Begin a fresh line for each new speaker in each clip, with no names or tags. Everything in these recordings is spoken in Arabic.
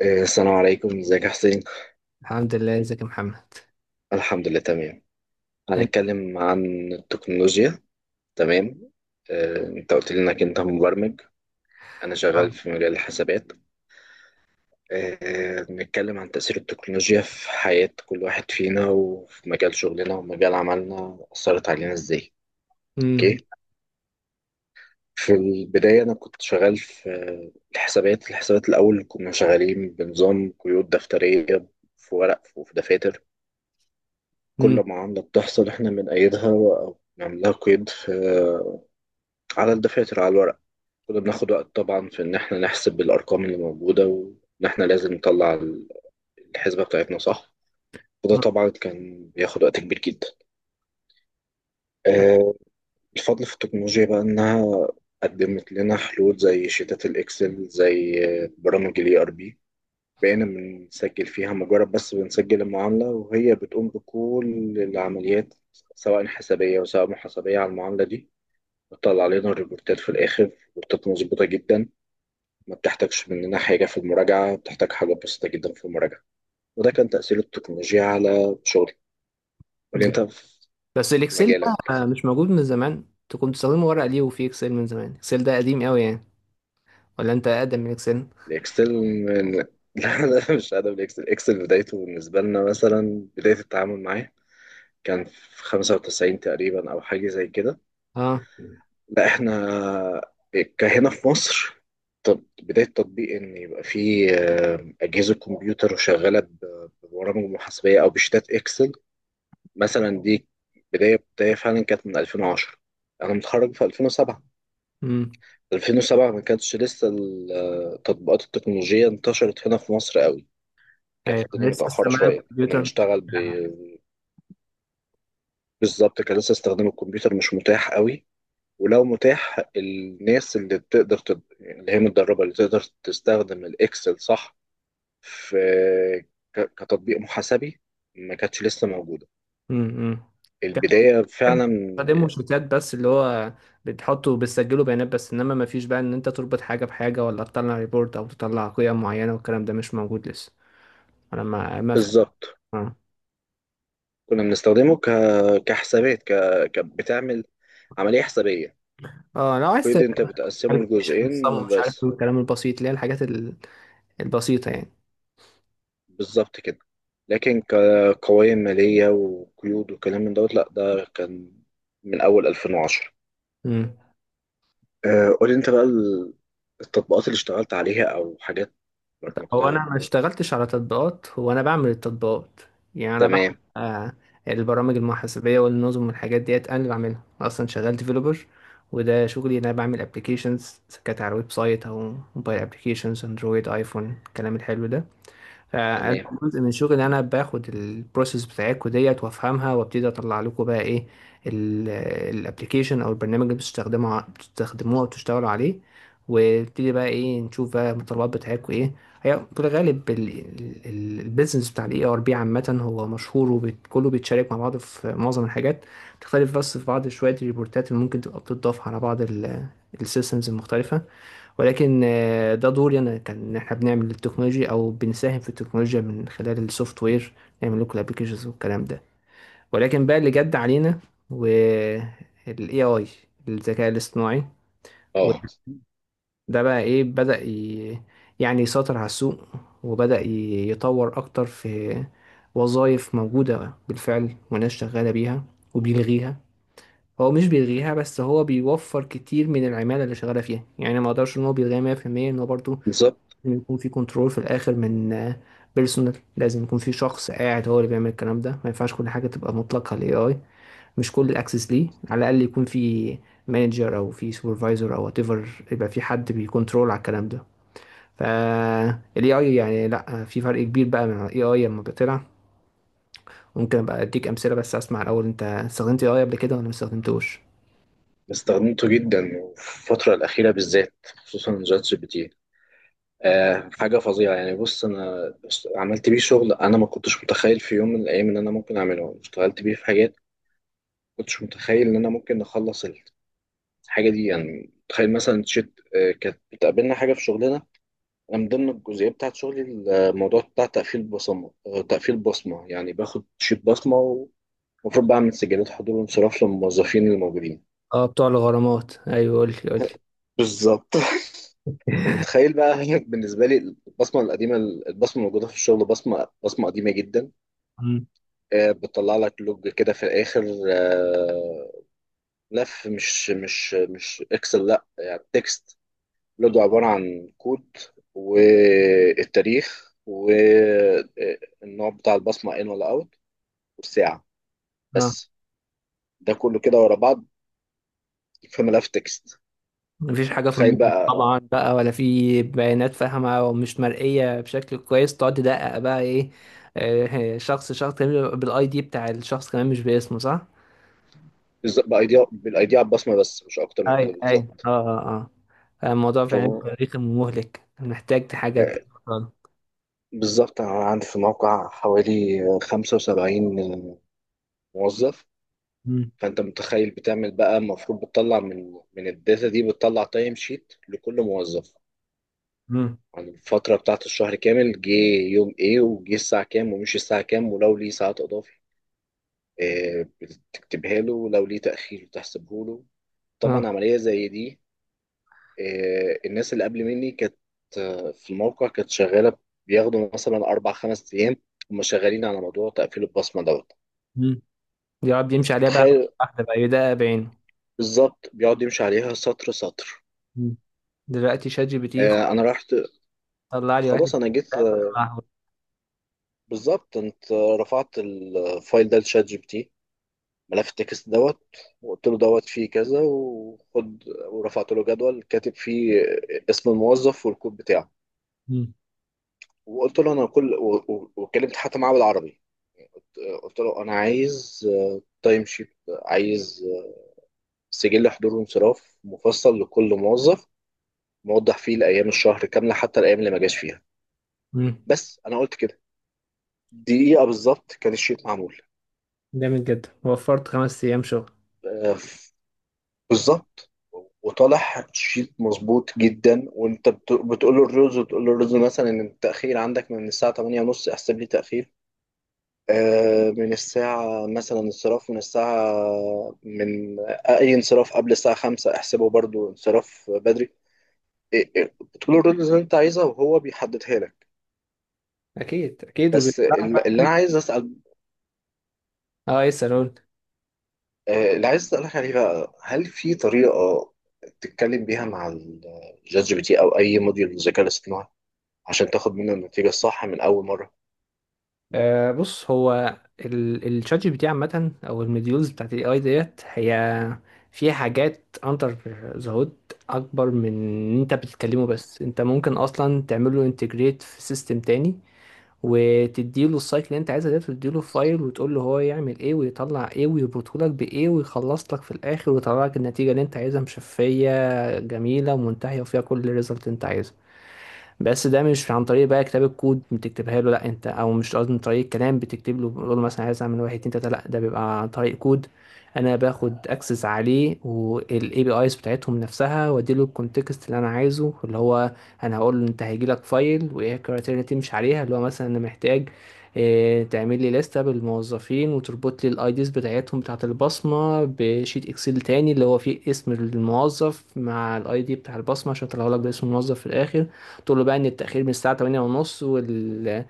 السلام عليكم، ازيك يا حسين.
الحمد لله، ازيك يا محمد؟
الحمد لله تمام.
انت.
هنتكلم عن التكنولوجيا. تمام. انت قلت لي انك انت مبرمج. انا شغال في مجال الحسابات. نتكلم عن تأثير التكنولوجيا في حياة كل واحد فينا وفي مجال شغلنا ومجال عملنا، أثرت علينا ازاي؟
مم.
اوكي. في البداية أنا كنت شغال في الحسابات. الأول كنا شغالين بنظام قيود دفترية، في ورق وفي دفاتر.
مم.
كل معاملة بتحصل احنا بنأيدها أو نعملها قيد على الدفاتر، على الورق. كنا بناخد وقت طبعا في إن احنا نحسب الأرقام اللي موجودة وإن احنا لازم نطلع الحسبة بتاعتنا، صح؟ وده طبعا كان بياخد وقت كبير جدا. آه، الفضل في التكنولوجيا بقى إنها قدمت لنا حلول زي شيتات الإكسل، زي برامج ال ERP. بقينا بنسجل فيها، مجرد بس بنسجل المعاملة وهي بتقوم بكل العمليات، سواء حسابية وسواء محاسبية، على المعاملة دي. بتطلع علينا الريبورتات في الآخر، ريبورتات مظبوطة جدا. ما بتحتاجش مننا حاجة في المراجعة، بتحتاج حاجة بسيطة جدا في المراجعة. وده كان تأثير التكنولوجيا على شغلي. قولي أنت في
بس الاكسل
مجالك.
ده مش موجود من زمان؟ انت كنت بتستخدمه ورقه ليه وفي اكسل من زمان؟ اكسل ده قديم قوي يعني، ولا انت اقدم من اكسل؟
الإكسل من... لا، أنا مش قادر. بالإكسل، الإكسل بدايته بالنسبة لنا مثلا، بداية التعامل معاه كان في 95 تقريبا أو حاجة زي كده.
اه.
لا، احنا كهنا في مصر. طب بداية تطبيق ان يبقى في اجهزة كمبيوتر شغالة ببرامج محاسبية او بشتات اكسل مثلا دي، بداية فعلا كانت من 2010. انا متخرج في 2007.
امم.
2007 ما كانتش لسه التطبيقات التكنولوجية انتشرت هنا في مصر قوي. كانت
ايوه،
الدنيا
أنا لسه
متأخرة
استعمال
شوية، كنا
الكمبيوتر.
بنشتغل بالظبط. كان لسه استخدام الكمبيوتر مش متاح قوي، ولو متاح الناس اللي بتقدر يعني اللي هي متدربة، اللي تقدر تستخدم الإكسل، صح؟ في كتطبيق محاسبي ما كانتش لسه موجودة.
امم. كان
البداية
بحب
فعلا
استخدمه شيتات بس، اللي هو بتحطه وبتسجله بيانات بس، انما ما فيش بقى ان انت تربط حاجه بحاجه ولا تطلع ريبورت او تطلع قيم معينه، والكلام ده مش موجود لسه. انا ما فاهم.
بالظبط.
اه.
كنا بنستخدمه كحسابات، بتعمل عملية حسابية.
لو عايز.
كود أنت بتقسمه
عارف عشان الصم
لجزئين
مش عارف
بس،
ايه الكلام البسيط، اللي هي البسيطة يعني.
بالظبط كده. لكن كقوائم مالية وقيود وكلام من دوت، لأ، ده كان من أول 2010.
امم.
قولي انت بقى التطبيقات اللي اشتغلت عليها او حاجات
هو
برمجتها.
انا ما اشتغلتش على تطبيقات، هو انا بعمل التطبيقات. يعني انا بعمل
تمام.
البرامج المحاسبية والنظم والحاجات ديت انا اللي بعملها، اصلا شغال ديفلوبر. وده شغلي، إن انا بعمل ابلكيشنز كانت على ويب سايت او موبايل ابلكيشنز، اندرويد، ايفون، الكلام الحلو ده. أنا
تمام.
جزء من شغلي إن انا باخد البروسيس بتاعتكم ديت وافهمها، وابتدي اطلع لكم بقى ايه الابلكيشن او البرنامج اللي بتستخدموه وبتشتغلوا عليه. وابتدي بقى ايه، نشوف بقى المتطلبات بتاعتكم ايه. هي في الغالب البيزنس بتاع الاي ار بي عامه هو مشهور، وكله بيتشارك مع بعض في معظم الحاجات. تختلف بس في بعض شويه الريبورتات اللي ممكن تبقى بتضاف على بعض السيستمز المختلفه. ولكن ده دوري انا كان، إن احنا بنعمل التكنولوجيا او بنساهم في التكنولوجيا من خلال السوفت وير، نعمل لكم الابلكيشنز والكلام ده. ولكن بقى اللي جد علينا، والاي اي، الذكاء الاصطناعي،
اه
وده بقى ايه، يعني يسيطر على السوق، وبدأ يطور اكتر في وظائف موجودة بالفعل وناس شغالة بيها، وبيلغيها. هو مش بيلغيها بس، هو بيوفر كتير من العمالة اللي شغالة فيها، يعني ما اقدرش ان هو بيلغيها 100%. ان هو برضه
بالظبط.
لازم يكون في كنترول في الاخر من بيرسونال، لازم يكون في شخص قاعد هو اللي بيعمل الكلام ده، ما ينفعش كل حاجه تبقى مطلقه للاي اي، مش كل الاكسس ليه، على الاقل يكون في مانجر او في سوبرفايزر او وات ايفر، يبقى في حد بيكونترول على الكلام ده. فالاي اي يعني، لا، في فرق كبير بقى من الاي اي لما بطلع. ممكن ابقى اديك امثله، بس اسمع الاول، انت استخدمت اي اي قبل كده ولا ما استخدمتوش؟
استخدمته جدا وفي الفترة الأخيرة بالذات، خصوصا شات جي بي تي. حاجة فظيعة يعني. بص، أنا عملت بيه شغل، أنا ما كنتش متخيل في يوم من الأيام إن أنا ممكن أعمله. اشتغلت بيه في حاجات ما كنتش متخيل إن أنا ممكن أخلص الحاجة دي. يعني تخيل مثلا، شت آه كانت بتقابلنا حاجة في شغلنا. أنا من ضمن الجزئية بتاعت شغلي، الموضوع بتاع تقفيل بصمة. تقفيل بصمة يعني باخد شيت بصمة، ومفروض بعمل سجلات حضور وانصراف للموظفين الموجودين.
اه، بتوع الغرامات، ايوه قول لي. قول
بالظبط. فمتخيل بقى بالنسبة لي، البصمة القديمة، البصمة الموجودة في الشغل، بصمة قديمة جدا. بتطلع لك لوج كده في الآخر. آه، لف مش إكسل، لأ، يعني تكست. لوج عبارة عن كود، والتاريخ والنوع بتاع البصمة، إن ولا أوت، والساعة،
لي
بس. ده كله كده ورا بعض في ملف تكست.
مفيش حاجة في
تخيل
المخ
بقى.
طبعا بقى، ولا في بيانات فاهمة ومش مرئية بشكل كويس، تقعد تدقق بقى ايه. شخص كمان، بالاي دي بتاع الشخص كمان مش باسمه، صح؟
بالظ- بايديا بالايديا على البصمه، بس مش اكتر من
اي
كده،
اي. اه
بالظبط.
اه. اه، الموضوع
ف
فعلا تاريخي مهلك، محتاج حاجة.
آه، بالظبط انا عندي في الموقع حوالي 75 موظف.
امم.
فانت متخيل بتعمل بقى، المفروض بتطلع من الداتا دي، بتطلع تايم شيت لكل موظف
امم.
عن الفترة بتاعت الشهر كامل، جه يوم ايه، وجه الساعة كام، ومشي الساعة كام، ولو ليه ساعات إضافي بتكتبها له، ولو ليه تأخير بتحسبه له.
اه.
طبعا عملية زي دي، الناس اللي قبل مني كانت في الموقع كانت شغاله، بياخدوا مثلا اربع خمس ايام هم شغالين على موضوع تقفيل البصمه دوت.
امم. يقعد يمشي عليها بقى
متخيل،
واحدة بقى، يدقق بعينه.
بالظبط، بيقعد يمشي عليها سطر سطر.
مم. دلوقتي شات جي بي تي
انا رحت،
طلع لي واحد.
خلاص انا جيت،
طلعه.
بالظبط. انت رفعت الفايل ده لشات جي بي تي، ملف التكست دوت، وقلت له دوت فيه كذا وخد، ورفعت له جدول كاتب فيه اسم الموظف والكود بتاعه.
مم.
وقلت له انا كل وكلمت حتى معاه بالعربي. قلت له انا عايز تايم شيت، عايز سجل حضور وانصراف مفصل لكل موظف، موضح فيه الايام الشهر كامله، حتى الايام اللي ما جاش فيها.
مم.
بس انا قلت كده، دقيقه بالظبط كان الشيت معمول.
جامد جدا، وفرت خمس ايام شغل.
آه، بالظبط. وطالع شيت مظبوط جدا. وانت بتقول له الرز، وتقول له الرز مثلا ان التاخير عندك من الساعه 8 ونص، احسب لي تاخير. من الساعه مثلا انصراف من الساعه، من اي انصراف قبل الساعه 5 احسبه برضو انصراف بدري. إيه، بتقول الرولز اللي انت عايزها وهو بيحددها لك.
اكيد اكيد،
بس
وبيطلع.
اللي انا عايز اسال،
اه، يسأل، قول.
اللي عايز اسالك عليه بقى، هل في طريقه تتكلم بيها مع الشات جي بي تي او اي موديول للذكاء الاصطناعي عشان تاخد منه النتيجه الصح من اول مره؟
آه بص، هو الشات جي بي تي عامة او المديولز بتاعت الاي اي ديت، هي فيها حاجات اندر ذا هود اكبر من ان انت بتتكلمه بس. انت ممكن اصلا تعمله انتجريت في سيستم تاني، وتديله السايكل اللي انت عايزها ديت، وتديله فايل وتقول له هو يعمل ايه ويطلع ايه ويربطهولك بايه، ويخلص لك في الاخر ويطلع لك النتيجة اللي انت عايزها، مشفية جميلة ومنتهية وفيها كل الريزلت انت عايزها. بس ده مش عن طريق بقى كتاب الكود، بتكتبها له، لا انت، او مش قصدي، من طريق الكلام بتكتب له، بتقول له مثلا عايز اعمل واحد اتنين تلاته، لا، ده بيبقى عن طريق كود. انا باخد اكسس عليه والاي بي ايز بتاعتهم نفسها، واديله الكونتكست اللي انا عايزه، اللي هو انا هقول له انت هيجي لك فايل، وايه الكرايتيريا اللي تمشي عليها، اللي هو مثلا انا محتاج اه، تعمل لي لستة بالموظفين وتربط لي الاي ديز بتاعتهم بتاعت البصمة بشيت اكسل تاني، اللي هو فيه اسم الموظف مع الاي دي بتاع البصمة، عشان اطلعه لك باسم الموظف في الاخر. قلت له بقى ان التأخير من الساعة 8 ونص،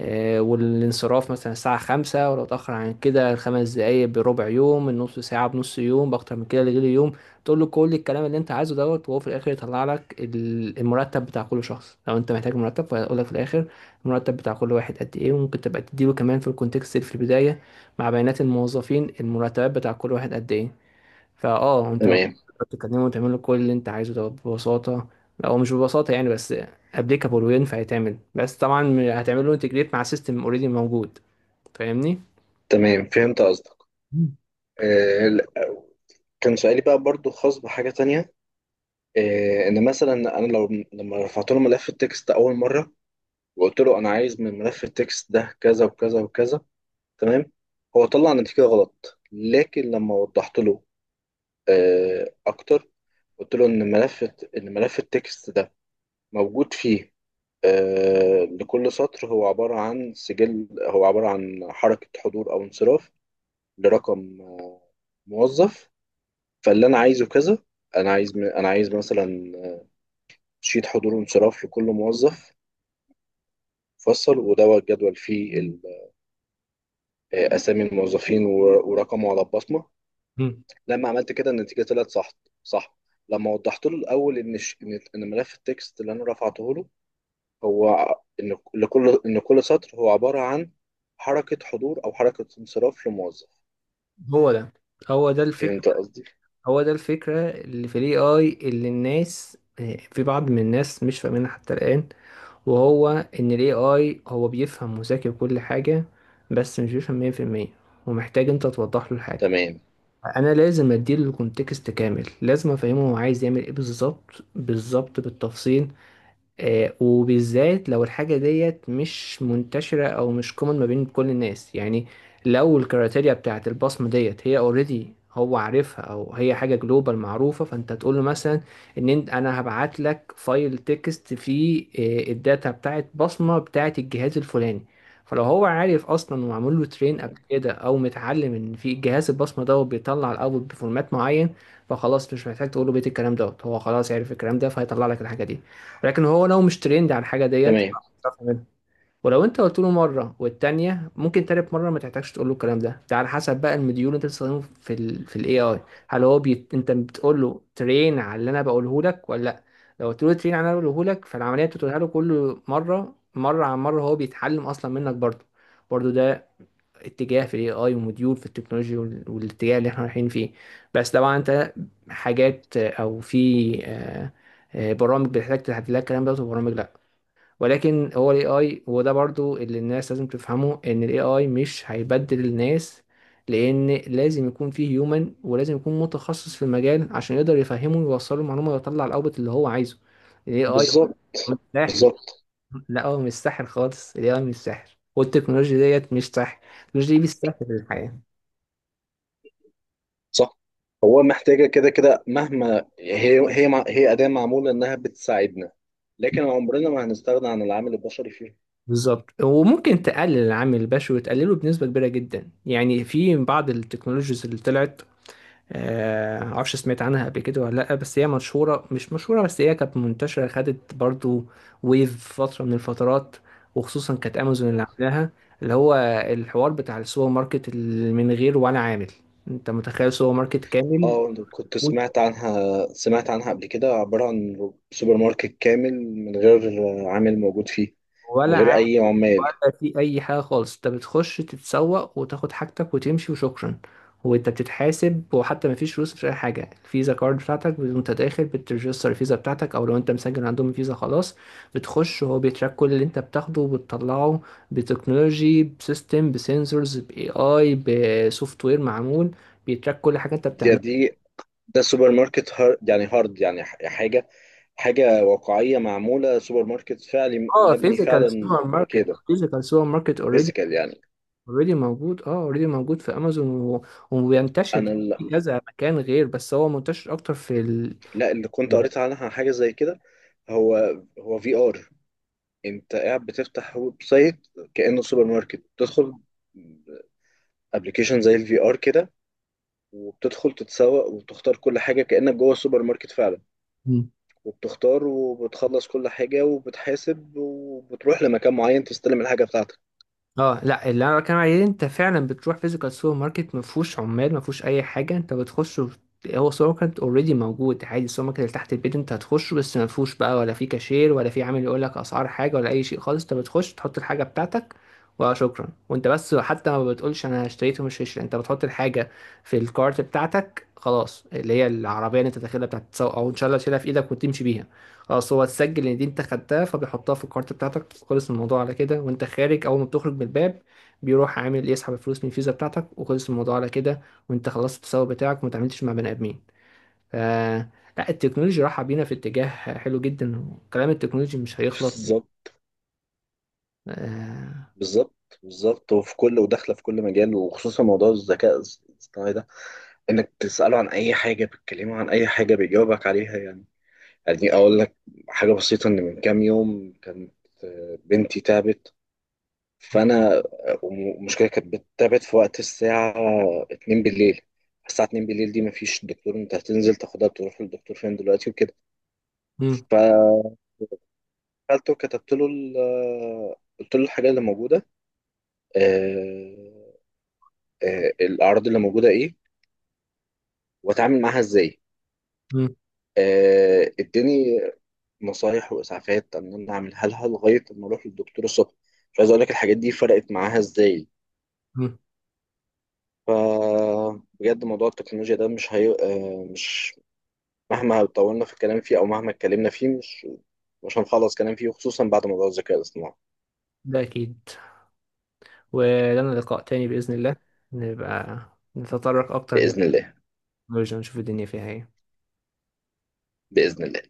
والانصراف مثلا الساعة 5، ولو اتأخر عن كده خمس دقايق بربع يوم، النص ساعة بنص يوم، بأكتر من كده لغير يوم. تقول له كل الكلام اللي انت عايزه دوت، وهو في الاخر يطلع لك المرتب بتاع كل شخص. لو انت محتاج مرتب، فهيقول لك في الاخر المرتب بتاع كل واحد قد ايه. وممكن تبقى تديله كمان في الكونتكست اللي في البداية مع بيانات الموظفين، المرتبات بتاع كل واحد قد ايه. فاه انت
تمام.
بتكلمه وتعمل له كل اللي انت عايزه ده ببساطه، او مش ببساطه يعني، بس ابليكابل وينفع يتعمل. بس طبعا هتعمل له انتجريت مع سيستم اوريدي موجود، فاهمني؟
تمام، فهمت قصدك.
مم.
لا، كان سؤالي بقى برضو خاص بحاجه تانية. ان مثلا انا لو، لما رفعت له ملف التكست اول مره، وقلت له انا عايز من ملف التكست ده كذا وكذا وكذا، تمام. هو طلع نتيجة غلط. لكن لما وضحت له أكتر، قلت له إن ملف التكست ده موجود فيه لكل سطر هو عبارة عن سجل، هو عبارة عن حركة حضور أو انصراف لرقم موظف. فاللي أنا عايزه كذا، أنا عايز مثلا شيت حضور وانصراف لكل موظف، فصل ودوت جدول فيه أسامي الموظفين ورقمه على البصمة.
مم.
لما عملت كده النتيجه طلعت صح. صح، لما وضحت له الاول ان الش- ان إن ملف التكست اللي انا رفعته له هو ان لكل ان كل سطر هو عباره عن حركه حضور او حركه انصراف لموظف.
هو ده، هو ده الفكرة،
فهمت قصدي.
هو ده الفكرة اللي في الاي اي اللي الناس، في بعض من الناس مش فاهمينها حتى الآن، وهو ان الاي اي هو بيفهم وذكي وكل حاجة، بس مش بيفهم 100%، ومحتاج انت توضح له الحاجة.
تمام.
انا لازم اديله الكونتكست كامل، لازم افهمه هو عايز يعمل ايه بالظبط، بالظبط بالتفصيل. وبالذات لو الحاجة ديت مش منتشرة أو مش كومن ما بين كل الناس يعني. لو الكريتيريا بتاعت البصمة ديت هي اوريدي هو عارفها، أو هي حاجة جلوبال معروفة، فأنت تقول له مثلا إن أنت، أنا هبعت لك فايل تكست فيه الداتا بتاعت بصمة بتاعت الجهاز الفلاني. فلو هو عارف أصلا ومعمول له ترين قبل كده، أو متعلم إن في جهاز البصمة ده بيطلع الأوت بفورمات معين، فخلاص مش محتاج تقول له بيت الكلام دوت، هو خلاص عارف الكلام ده، فهيطلع لك الحاجة دي. لكن هو لو مش ترند عن حاجة ديت، مش
تمام،
هيعرف يعملها. ولو انت قلت له مرة والتانية، ممكن تالت مرة ما تحتاجش تقول له الكلام ده، ده على حسب بقى المديول اللي انت بتستخدمه في في الاي اي، هل هو انت بتقول له ترين على اللي انا بقوله لك، ولا لا. لو قلت له ترين على اللي انا بقوله لك، فالعملية بتقولها له كل مرة، مرة عن مرة هو بيتعلم اصلا منك برضه. برضه ده اتجاه في الاي اي وموديول في التكنولوجيا والاتجاه اللي احنا رايحين فيه. بس طبعا انت حاجات، او في برامج بتحتاج تحدد لها الكلام ده، وبرامج لا. ولكن هو الاي اي، وده برضو اللي الناس لازم تفهمه، ان الاي اي مش هيبدل الناس، لان لازم يكون فيه هيومن، ولازم يكون متخصص في المجال عشان يقدر يفهمه ويوصله المعلومه ويطلع الاوبت اللي هو عايزه. الاي اي هو
بالظبط،
مش فلاح،
بالظبط،
لا، هو مش ساحر خالص، ال AI مش ساحر، والتكنولوجيا ديت مش ساحر. التكنولوجيا دي بتسهل الحياة.
صح. هو محتاجه كده كده. مهما هي اداه معموله انها بتساعدنا، لكن عمرنا ما هنستغنى عن العامل البشري فيها.
بالظبط، وممكن تقلل العامل البشري وتقلله بنسبة كبيرة جدا يعني. في بعض التكنولوجيز اللي طلعت، معرفش سمعت عنها قبل كده ولا لأ، بس هي مشهورة، مش مشهورة بس هي كانت منتشرة، خدت برضو ويف فترة من الفترات، وخصوصا كانت أمازون اللي عاملاها، اللي هو الحوار بتاع السوبر ماركت اللي من غير ولا عامل. انت متخيل سوبر ماركت كامل؟
اه، أنا كنت سمعت عنها قبل كده، عبارة عن سوبر ماركت كامل من غير عامل موجود فيه، من غير
ولا
أي عمال.
ولا في اي حاجه خالص، انت بتخش تتسوق وتاخد حاجتك وتمشي، وشكرا. وانت بتتحاسب، وحتى ما فيش فلوس، مفيش اي حاجه، الفيزا كارد بتاعتك وانت داخل بترجستر الفيزا بتاعتك، او لو انت مسجل عندهم الفيزا خلاص، بتخش وهو بيتراك كل اللي انت بتاخده وبتطلعه. بتكنولوجي، بسيستم، بسنسورز، باي اي، بسوفت وير معمول، بيتراك كل حاجه انت بتعملها.
دي ده سوبر ماركت هار، يعني هارد، يعني حاجة واقعية معمولة، سوبر ماركت فعلي
اه،
مبني
فيزيكال
فعلا
سوبر ماركت،
بكده.
فيزيكال سوبر ماركت اوريدي
فيزيكال يعني.
اوريدي موجود. اه، اوريدي موجود في امازون، و... وبينتشر
أنا
في كذا مكان غير، بس هو منتشر اكتر في
لا، اللي كنت قريت عنها حاجة زي كده، هو هو في ار. أنت قاعد بتفتح ويب سايت كأنه سوبر ماركت، تدخل ابلكيشن زي الفي ار كده، وبتدخل تتسوق وبتختار كل حاجة كأنك جوه السوبر ماركت فعلا،
ده.
وبتختار وبتخلص كل حاجة وبتحاسب وبتروح لمكان معين تستلم الحاجة بتاعتك.
اه لا، اللي انا بتكلم عليه انت فعلا بتروح فيزيكال سوبر ماركت ما فيهوش عمال، ما فيهوش اي حاجه، انت بتخش هو سوبر ماركت اوريدي موجود عادي، السوبر ماركت اللي تحت البيت انت هتخشه، بس ما فيهوش بقى ولا في كاشير ولا في عامل يقول لك اسعار حاجه ولا اي شيء خالص، انت بتخش تحط الحاجه بتاعتك وشكرا. وانت بس حتى ما بتقولش انا اشتريت ومش هشتري، انت بتحط الحاجه في الكارت بتاعتك خلاص، اللي هي العربيه اللي انت داخلها بتاعت التسوق، او ان شاء الله تشيلها في ايدك وتمشي بيها. اه اصل هو تسجل ان دي انت خدتها، فبيحطها في الكارت بتاعتك، خلص الموضوع على كده. وانت خارج، اول ما بتخرج من الباب، بيروح عامل يسحب الفلوس من الفيزا بتاعتك، وخلص الموضوع على كده، وانت خلصت التسوق بتاعك وما تعاملتش مع بني ادمين. ف لا، التكنولوجيا رايحه بينا في اتجاه حلو جدا، وكلام التكنولوجي مش هيخلط.
بالظبط.
آه...
بالظبط، بالظبط وفي كل وداخلة في كل مجال، وخصوصا موضوع الذكاء الاصطناعي ده. انك تسأله عن اي حاجة، بتكلمه عن اي حاجة بيجاوبك عليها. يعني، يعني اقول لك حاجة بسيطة، ان من كام يوم كانت بنتي تعبت. فانا المشكله كانت بتتابع في وقت الساعه 2 بالليل. الساعه 2 بالليل دي مفيش دكتور، انت هتنزل تاخدها تروح للدكتور فين دلوقتي وكده.
مم.
فقلت، كتبت له قلت له الحاجه اللي موجوده، آه، الاعراض اللي موجوده ايه، واتعامل معاها ازاي.
مم.
اداني نصايح واسعافات ان انا اعملها لها لغايه ما اروح للدكتور الصبح. مش عايز اقول لك الحاجات دي فرقت معاها ازاي.
مم.
فبجد موضوع التكنولوجيا ده مش هي... آه، مش مهما طولنا في الكلام فيه، او مهما اتكلمنا فيه مش هنخلص كلام فيه، خصوصا بعد موضوع الذكاء الاصطناعي.
ده اكيد، ولنا لقاء تاني باذن الله، نبقى نتطرق اكتر
بإذن الله.
للتكنولوجيا ونشوف الدنيا فيها ايه.
بإذن الله.